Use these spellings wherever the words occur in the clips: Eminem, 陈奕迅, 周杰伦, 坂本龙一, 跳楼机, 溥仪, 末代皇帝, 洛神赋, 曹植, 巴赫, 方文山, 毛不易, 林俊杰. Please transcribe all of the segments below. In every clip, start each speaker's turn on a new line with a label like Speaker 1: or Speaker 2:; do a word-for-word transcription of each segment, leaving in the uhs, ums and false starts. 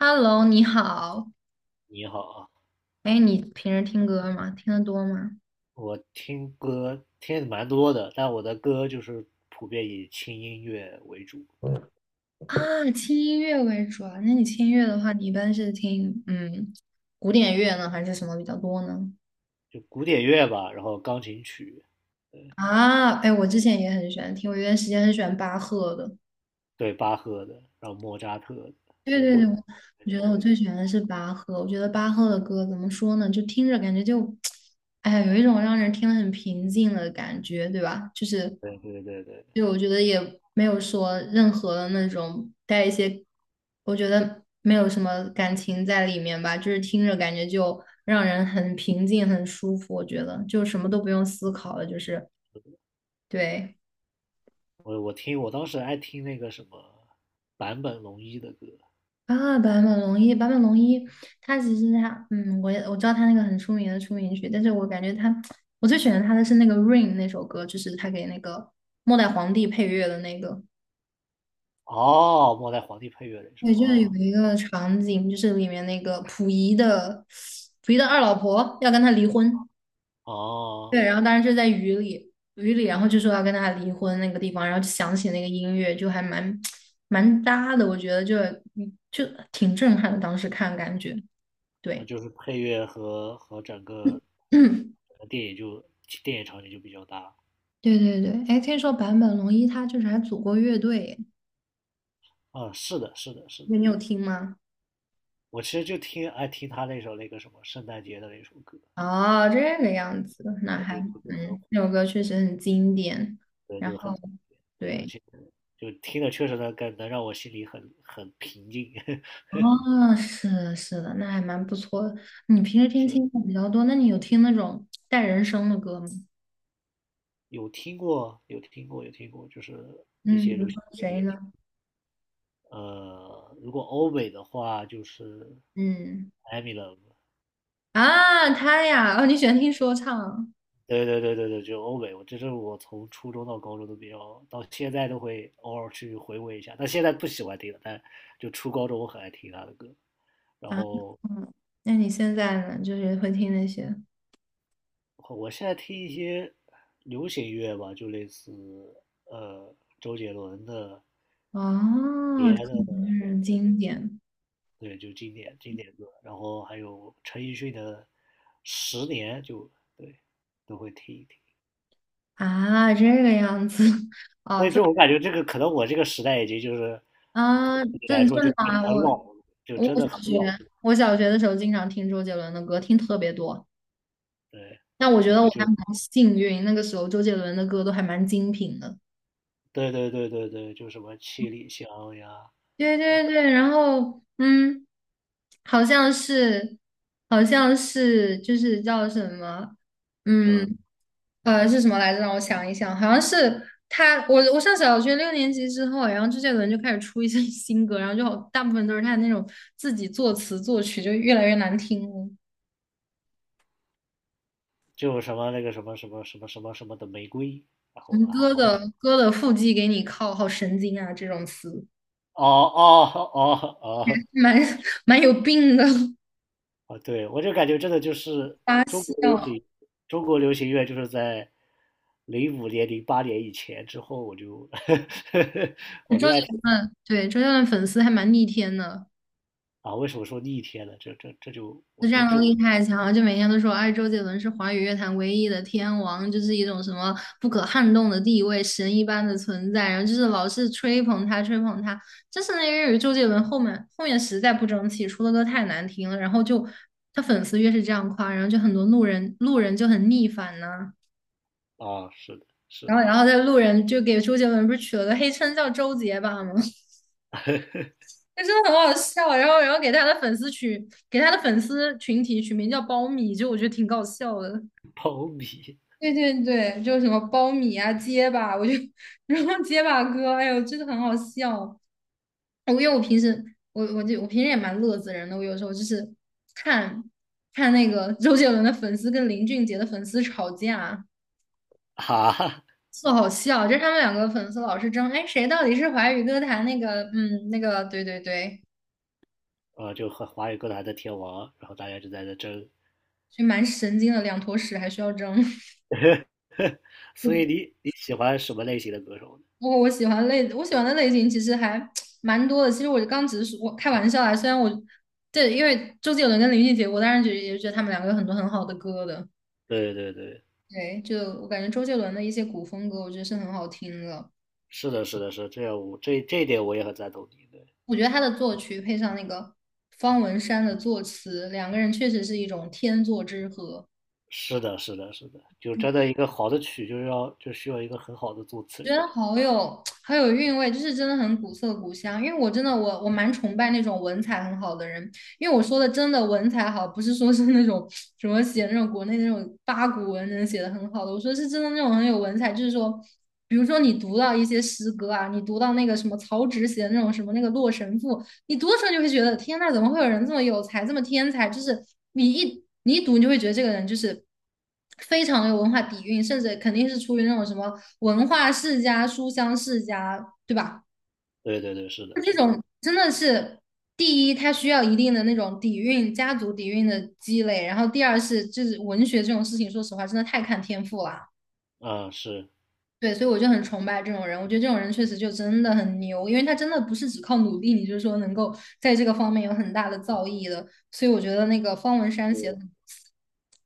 Speaker 1: Hello，你好。
Speaker 2: 你好啊。
Speaker 1: 哎，你平时听歌吗？听得多吗？
Speaker 2: 我听歌听的蛮多的，但我的歌就是普遍以轻音乐为主，对，
Speaker 1: 啊，轻音乐为主啊。那你轻音乐的话，你一般是听嗯古典乐呢，还是什么比较多呢？
Speaker 2: 就古典乐吧，然后钢琴曲，
Speaker 1: 啊，哎，我之前也很喜欢听，我有段时间很喜欢巴赫的。
Speaker 2: 对，巴赫的，然后莫扎特的，
Speaker 1: 对
Speaker 2: 对，
Speaker 1: 对
Speaker 2: 莫
Speaker 1: 对，
Speaker 2: 扎
Speaker 1: 我
Speaker 2: 特
Speaker 1: 我
Speaker 2: 的
Speaker 1: 觉得
Speaker 2: 我
Speaker 1: 我
Speaker 2: 也，
Speaker 1: 最喜欢的是巴赫。我觉得巴赫的歌怎么说呢？就听着感觉就，哎呀，有一种让人听得很平静的感觉，对吧？就是，
Speaker 2: 对对对对，
Speaker 1: 就我觉得也没有说任何的那种带一些，我觉得没有什么感情在里面吧，就是听着感觉就让人很平静、很舒服。我觉得就什么都不用思考了，就是对。
Speaker 2: 我我听我当时爱听那个什么坂本龙一的歌，
Speaker 1: 啊，坂本龙一，坂本龙一，他其实他，嗯，我也我知道他那个很出名的出名曲，但是我感觉他，我最喜欢他的是那个《Rain》那首歌，就是他给那个末代皇帝配乐的那个。
Speaker 2: 哦，末代皇帝配乐那首
Speaker 1: 对，就是有
Speaker 2: 啊，
Speaker 1: 一个场景，就是里面那个溥仪的溥仪的二老婆要跟他离婚，
Speaker 2: 哦，
Speaker 1: 对，然后当时就在雨里，雨里，然后就说要跟他离婚那个地方，然后就响起那个音乐，就还蛮蛮搭的，我觉得就嗯就挺震撼的，当时看感觉，
Speaker 2: 那
Speaker 1: 对。
Speaker 2: 就是配乐和和整个 整个电影就电影场景就比较搭，
Speaker 1: 对对对，哎，听说坂本龙一他就是还组过乐队，
Speaker 2: 啊，是的，是的，是的。
Speaker 1: 对你有听吗？
Speaker 2: 我其实就听爱听他那首那个什么圣诞节的那首歌，
Speaker 1: 哦，这个样子，
Speaker 2: 我
Speaker 1: 那
Speaker 2: 觉
Speaker 1: 还
Speaker 2: 得就就很
Speaker 1: 嗯，这首歌确实很经典。
Speaker 2: 对，
Speaker 1: 然
Speaker 2: 就很
Speaker 1: 后
Speaker 2: 对，而
Speaker 1: 对，
Speaker 2: 且就听的确实能感能让我心里很很平静。
Speaker 1: 哦，是的，是的，那还蛮不错的。你平时听
Speaker 2: 是
Speaker 1: 轻松比较多，那你有听那种带人声的歌吗？
Speaker 2: 有听过，有听过，有听过，就是一
Speaker 1: 嗯，比
Speaker 2: 些流
Speaker 1: 如
Speaker 2: 行
Speaker 1: 说
Speaker 2: 音乐
Speaker 1: 谁
Speaker 2: 也听。
Speaker 1: 呢？
Speaker 2: 呃，如果欧美的话，就是
Speaker 1: 嗯，
Speaker 2: Eminem。
Speaker 1: 啊，他呀，哦，你喜欢听说唱啊？
Speaker 2: 对对对对对，就欧美，我这是我从初中到高中都比较，到现在都会偶尔去回味一下。但现在不喜欢听了，但就初高中我很爱听他的歌。然后
Speaker 1: 嗯，那你现在呢？就是会听那些
Speaker 2: 我现在听一些流行乐吧，就类似呃周杰伦的、
Speaker 1: 哦，
Speaker 2: 别
Speaker 1: 这可
Speaker 2: 的，
Speaker 1: 能是经典。
Speaker 2: 对，就经典经典歌，然后还有陈奕迅的十年就，对，都会听一听。
Speaker 1: 啊，这个样子 哦，
Speaker 2: 所以
Speaker 1: 周
Speaker 2: 这我感觉这个可能我这个时代已经就是，可能
Speaker 1: 啊，
Speaker 2: 对你来
Speaker 1: 正
Speaker 2: 说就
Speaker 1: 正常啊，我
Speaker 2: 很老，就真
Speaker 1: 我
Speaker 2: 的
Speaker 1: 小
Speaker 2: 很老，
Speaker 1: 学我小学的时候经常听周杰伦的歌，听特别多。
Speaker 2: 对，
Speaker 1: 但我觉得我
Speaker 2: 就就
Speaker 1: 还蛮幸运，那个时候周杰伦的歌都还蛮精品的。
Speaker 2: 对对对对对，就什么七里香呀，
Speaker 1: 对对对，然后嗯，好像是好像是就是叫什么，
Speaker 2: 呃，
Speaker 1: 嗯，呃，是什么来着？让我想一想，好像是他，我我上小学六年级之后，然后周杰伦就开始出一些 新歌，然后就好大部分都是他那种自己作词作曲，就越来越难听了。
Speaker 2: 就什么那个什么什么什么什么什么的玫瑰，然
Speaker 1: 什
Speaker 2: 后
Speaker 1: 么
Speaker 2: 啊。
Speaker 1: 歌的歌的腹肌给你靠，好神经啊，这种词，
Speaker 2: 哦哦哦哦
Speaker 1: 蛮 蛮有病的，
Speaker 2: 哦，对，我就感觉真的就是
Speaker 1: 发
Speaker 2: 中国流
Speaker 1: 笑。
Speaker 2: 行，中国流行乐就是在零五年、零八年以前之后，我就 我
Speaker 1: 周
Speaker 2: 就爱
Speaker 1: 杰
Speaker 2: 听
Speaker 1: 伦，对，周杰伦粉丝还蛮逆天的。
Speaker 2: 啊。为什么说逆天呢？这这这就我
Speaker 1: 这
Speaker 2: 这
Speaker 1: 战斗
Speaker 2: 这
Speaker 1: 力
Speaker 2: 我
Speaker 1: 太强了，就每天都说，哎，周杰伦是华语乐坛唯一的天王，就是一种什么不可撼动的地位，神一般的存在，然后就是老是吹捧他，吹捧他。但是那因为周杰伦后面后面实在不争气，出的歌太难听了，然后就他粉丝越是这样夸，然后就很多路人路人就很逆反呢。
Speaker 2: 啊，是的，是
Speaker 1: 然
Speaker 2: 的，
Speaker 1: 后然后在路人就给周杰伦不是取了个黑称叫周杰吧吗？就真的很好笑，然后然后给他的粉丝取给他的粉丝群体取名叫苞米，就我觉得挺搞笑的。
Speaker 2: 苞米
Speaker 1: 对对对，就是什么苞米啊、结巴，我就 然后结巴哥，哎呦，真的很好笑。我因为我平时我我就我平时也蛮乐子人的，我有时候就是看看那个周杰伦的粉丝跟林俊杰的粉丝吵架，
Speaker 2: 啊，
Speaker 1: 特好笑。就是他们两个粉丝老是争，哎，谁到底是华语歌坛那个嗯那个，对对对，
Speaker 2: 呃，就和华语歌坛的天王，然后大家就在那争。
Speaker 1: 就蛮神经的，两坨屎还需要争。
Speaker 2: 所以 你你喜欢什么类型的歌手呢？
Speaker 1: 我我喜欢类我喜欢的类型其实还 蛮多的。其实我刚只是说我开玩笑啦，虽然我对，因为周杰伦跟林俊杰，我当然觉得也觉得他们两个有很多很好的歌的。
Speaker 2: 对对对，
Speaker 1: 对，就我感觉周杰伦的一些古风歌，我觉得是很好听的。
Speaker 2: 是的，是的，是的这样我这这一点我也很赞同你。
Speaker 1: 我觉得他的作曲配上那个方文山的作词，两个人确实是一种天作之合。
Speaker 2: 是的，是的，是的，就真的一个好的曲，就是要就需要一个很好的作词
Speaker 1: 觉
Speaker 2: 人。
Speaker 1: 得好有好有韵味，就是真的很古色古香。因为我真的我我蛮崇拜那种文采很好的人，因为我说的真的文采好，不是说是那种什么写那种国内那种八股文能写的很好的，我说是真的那种很有文采，就是说，比如说你读到一些诗歌啊，你读到那个什么曹植写的那种什么那个《洛神赋》，你读的时候你就会觉得天呐，怎么会有人这么有才，这么天才？就是你一你一读，你就会觉得这个人就是。非常有文化底蕴，甚至肯定是出于那种什么文化世家、书香世家，对吧？
Speaker 2: 对对对，是的，
Speaker 1: 这
Speaker 2: 是的，
Speaker 1: 种真的是第一，它需要一定的那种底蕴、家族底蕴的积累，然后第二是就是文学这种事情，说实话真的太看天赋了。
Speaker 2: 嗯，是，
Speaker 1: 对，所以我就很崇拜这种人，我觉得这种人确实就真的很牛，因为他真的不是只靠努力，你就是说能够在这个方面有很大的造诣的。所以我觉得那个方文山写的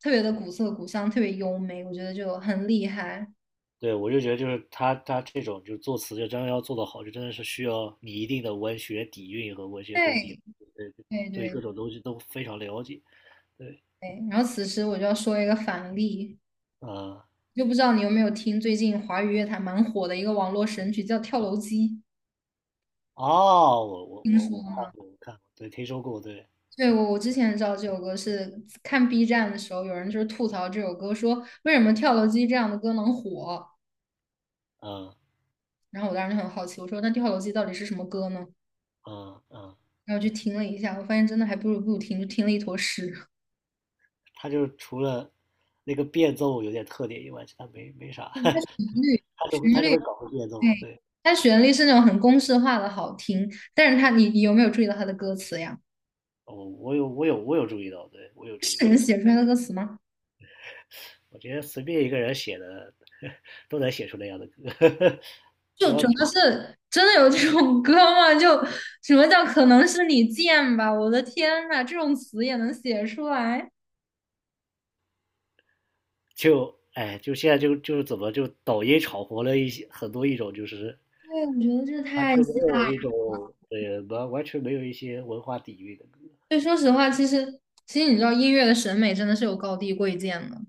Speaker 1: 特别的古色古香，特别优美，我觉得就很厉害。
Speaker 2: 对，我就觉得就是他他这种就是作词，就真的要做得好，就真的是需要你一定的文学底蕴和文学功底，
Speaker 1: 对，
Speaker 2: 对
Speaker 1: 对
Speaker 2: 对各
Speaker 1: 对
Speaker 2: 种东西都非常了解。对，
Speaker 1: 对。然后此时我就要说一个反例，
Speaker 2: 嗯，
Speaker 1: 就不知道你有没有听最近华语乐坛蛮火的一个网络神曲叫《跳楼机》，
Speaker 2: 哦，我我
Speaker 1: 听
Speaker 2: 我
Speaker 1: 说
Speaker 2: 我看
Speaker 1: 吗？
Speaker 2: 过，我看过，对，听说过，对，
Speaker 1: 对，我我之前知道这首歌是看 B 站的时候，有人就是吐槽这首歌，说为什么《跳楼机》这样的歌能火？
Speaker 2: 嗯
Speaker 1: 然后我当时就很好奇，我说那《跳楼机》到底是什么歌呢？
Speaker 2: 嗯嗯
Speaker 1: 然后去听了一下，我发现真的还不如不听，就听了一坨屎。
Speaker 2: 他就是除了那个变奏有点特点以外，其他没没啥，
Speaker 1: 嗯它 旋律，
Speaker 2: 他就会
Speaker 1: 旋
Speaker 2: 他就
Speaker 1: 律，
Speaker 2: 会搞个变奏，
Speaker 1: 对，
Speaker 2: 对。
Speaker 1: 它旋律是那种很公式化的好听，但是它你你有没有注意到它的歌词呀？
Speaker 2: 哦，我有我有我有注意到，对，我有注意
Speaker 1: 是
Speaker 2: 到。
Speaker 1: 人写出来的歌词吗？
Speaker 2: 我觉得随便一个人写的 都能写出那样的歌，
Speaker 1: 就主要是真的有这种歌吗？就什么叫可能是你贱吧？我的天呐，这种词也能写出来？
Speaker 2: 就哎，就现在就就是怎么就抖音炒活了一些很多一种就是
Speaker 1: 对，我觉得这
Speaker 2: 完
Speaker 1: 太吓
Speaker 2: 全没有一
Speaker 1: 人。
Speaker 2: 种对完完全没有一些文化底蕴的歌，
Speaker 1: 对，说实话，其实其实你知道，音乐的审美真的是有高低贵贱的。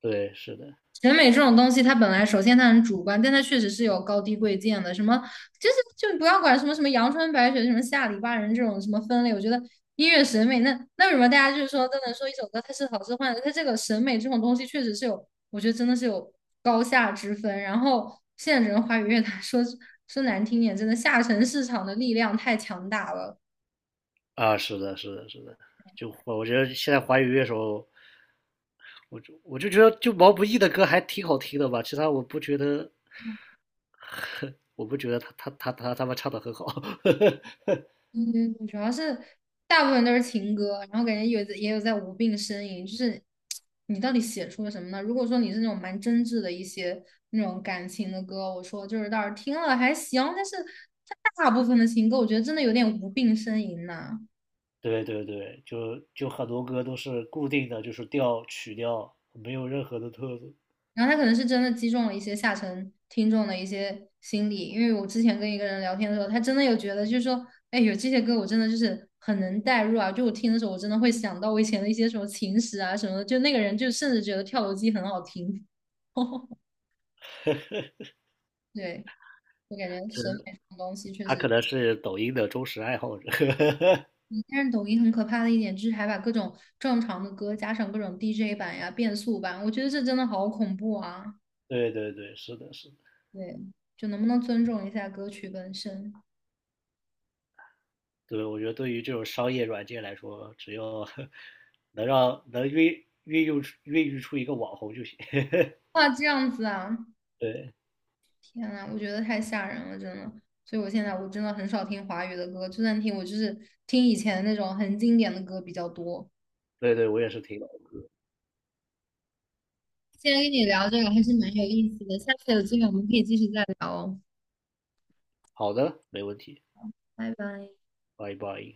Speaker 2: 对，是的
Speaker 1: 审美这种东西，它本来首先它很主观，但它确实是有高低贵贱的。什么就是就不要管什么什么阳春白雪、什么下里巴人这种什么分类，我觉得音乐审美那那为什么大家就是说都能说一首歌它是好是坏的？它这个审美这种东西确实是有，我觉得真的是有高下之分。然后现在整个华语乐坛说说难听点，真的下沉市场的力量太强大了。
Speaker 2: 啊，是的，是的，是的，就我我觉得现在华语乐手，我就我就觉得就毛不易的歌还挺好听的吧，其他我不觉得，我不觉得他他他他他们唱的很好，
Speaker 1: 嗯，主要是大部分都是情歌，然后感觉有也有在无病呻吟，就是你到底写出了什么呢？如果说你是那种蛮真挚的一些那种感情的歌，我说就是倒是听了还行，但是它大部分的情歌，我觉得真的有点无病呻吟呢。
Speaker 2: 对对对，就就很多歌都是固定的，就是调曲调，没有任何的特色。
Speaker 1: 然后他可能是真的击中了一些下沉听众的一些心理，因为我之前跟一个人聊天的时候，他真的有觉得就是说，哎，有这些歌我真的就是很能代入啊，就我听的时候我真的会想到我以前的一些什么情史啊什么的，就那个人就甚至觉得跳楼机很好听。对，我感觉审
Speaker 2: 是，
Speaker 1: 美这种东西确
Speaker 2: 他可
Speaker 1: 实，
Speaker 2: 能是抖音的忠实爱好者。
Speaker 1: 但是抖音很可怕的一点就是还把各种正常的歌加上各种 D J 版呀、变速版，我觉得这真的好恐怖啊！
Speaker 2: 对对对，是的，是的。
Speaker 1: 对，就能不能尊重一下歌曲本身？
Speaker 2: 对，我觉得对于这种商业软件来说，只要 能让能运孕育出孕育出一个网红就行。
Speaker 1: 哇，这样子啊，
Speaker 2: 对
Speaker 1: 天呐，我觉得太吓人了，真的。所以我现在我真的很少听华语的歌，就算听，我就是听以前那种很经典的歌比较多。
Speaker 2: 对对，我也是挺懂的
Speaker 1: 今天跟你聊这个还是蛮有意思的，下次有机会我们可以继续再聊哦，
Speaker 2: 好的，没问题，
Speaker 1: 拜拜。
Speaker 2: 欢迎欢迎。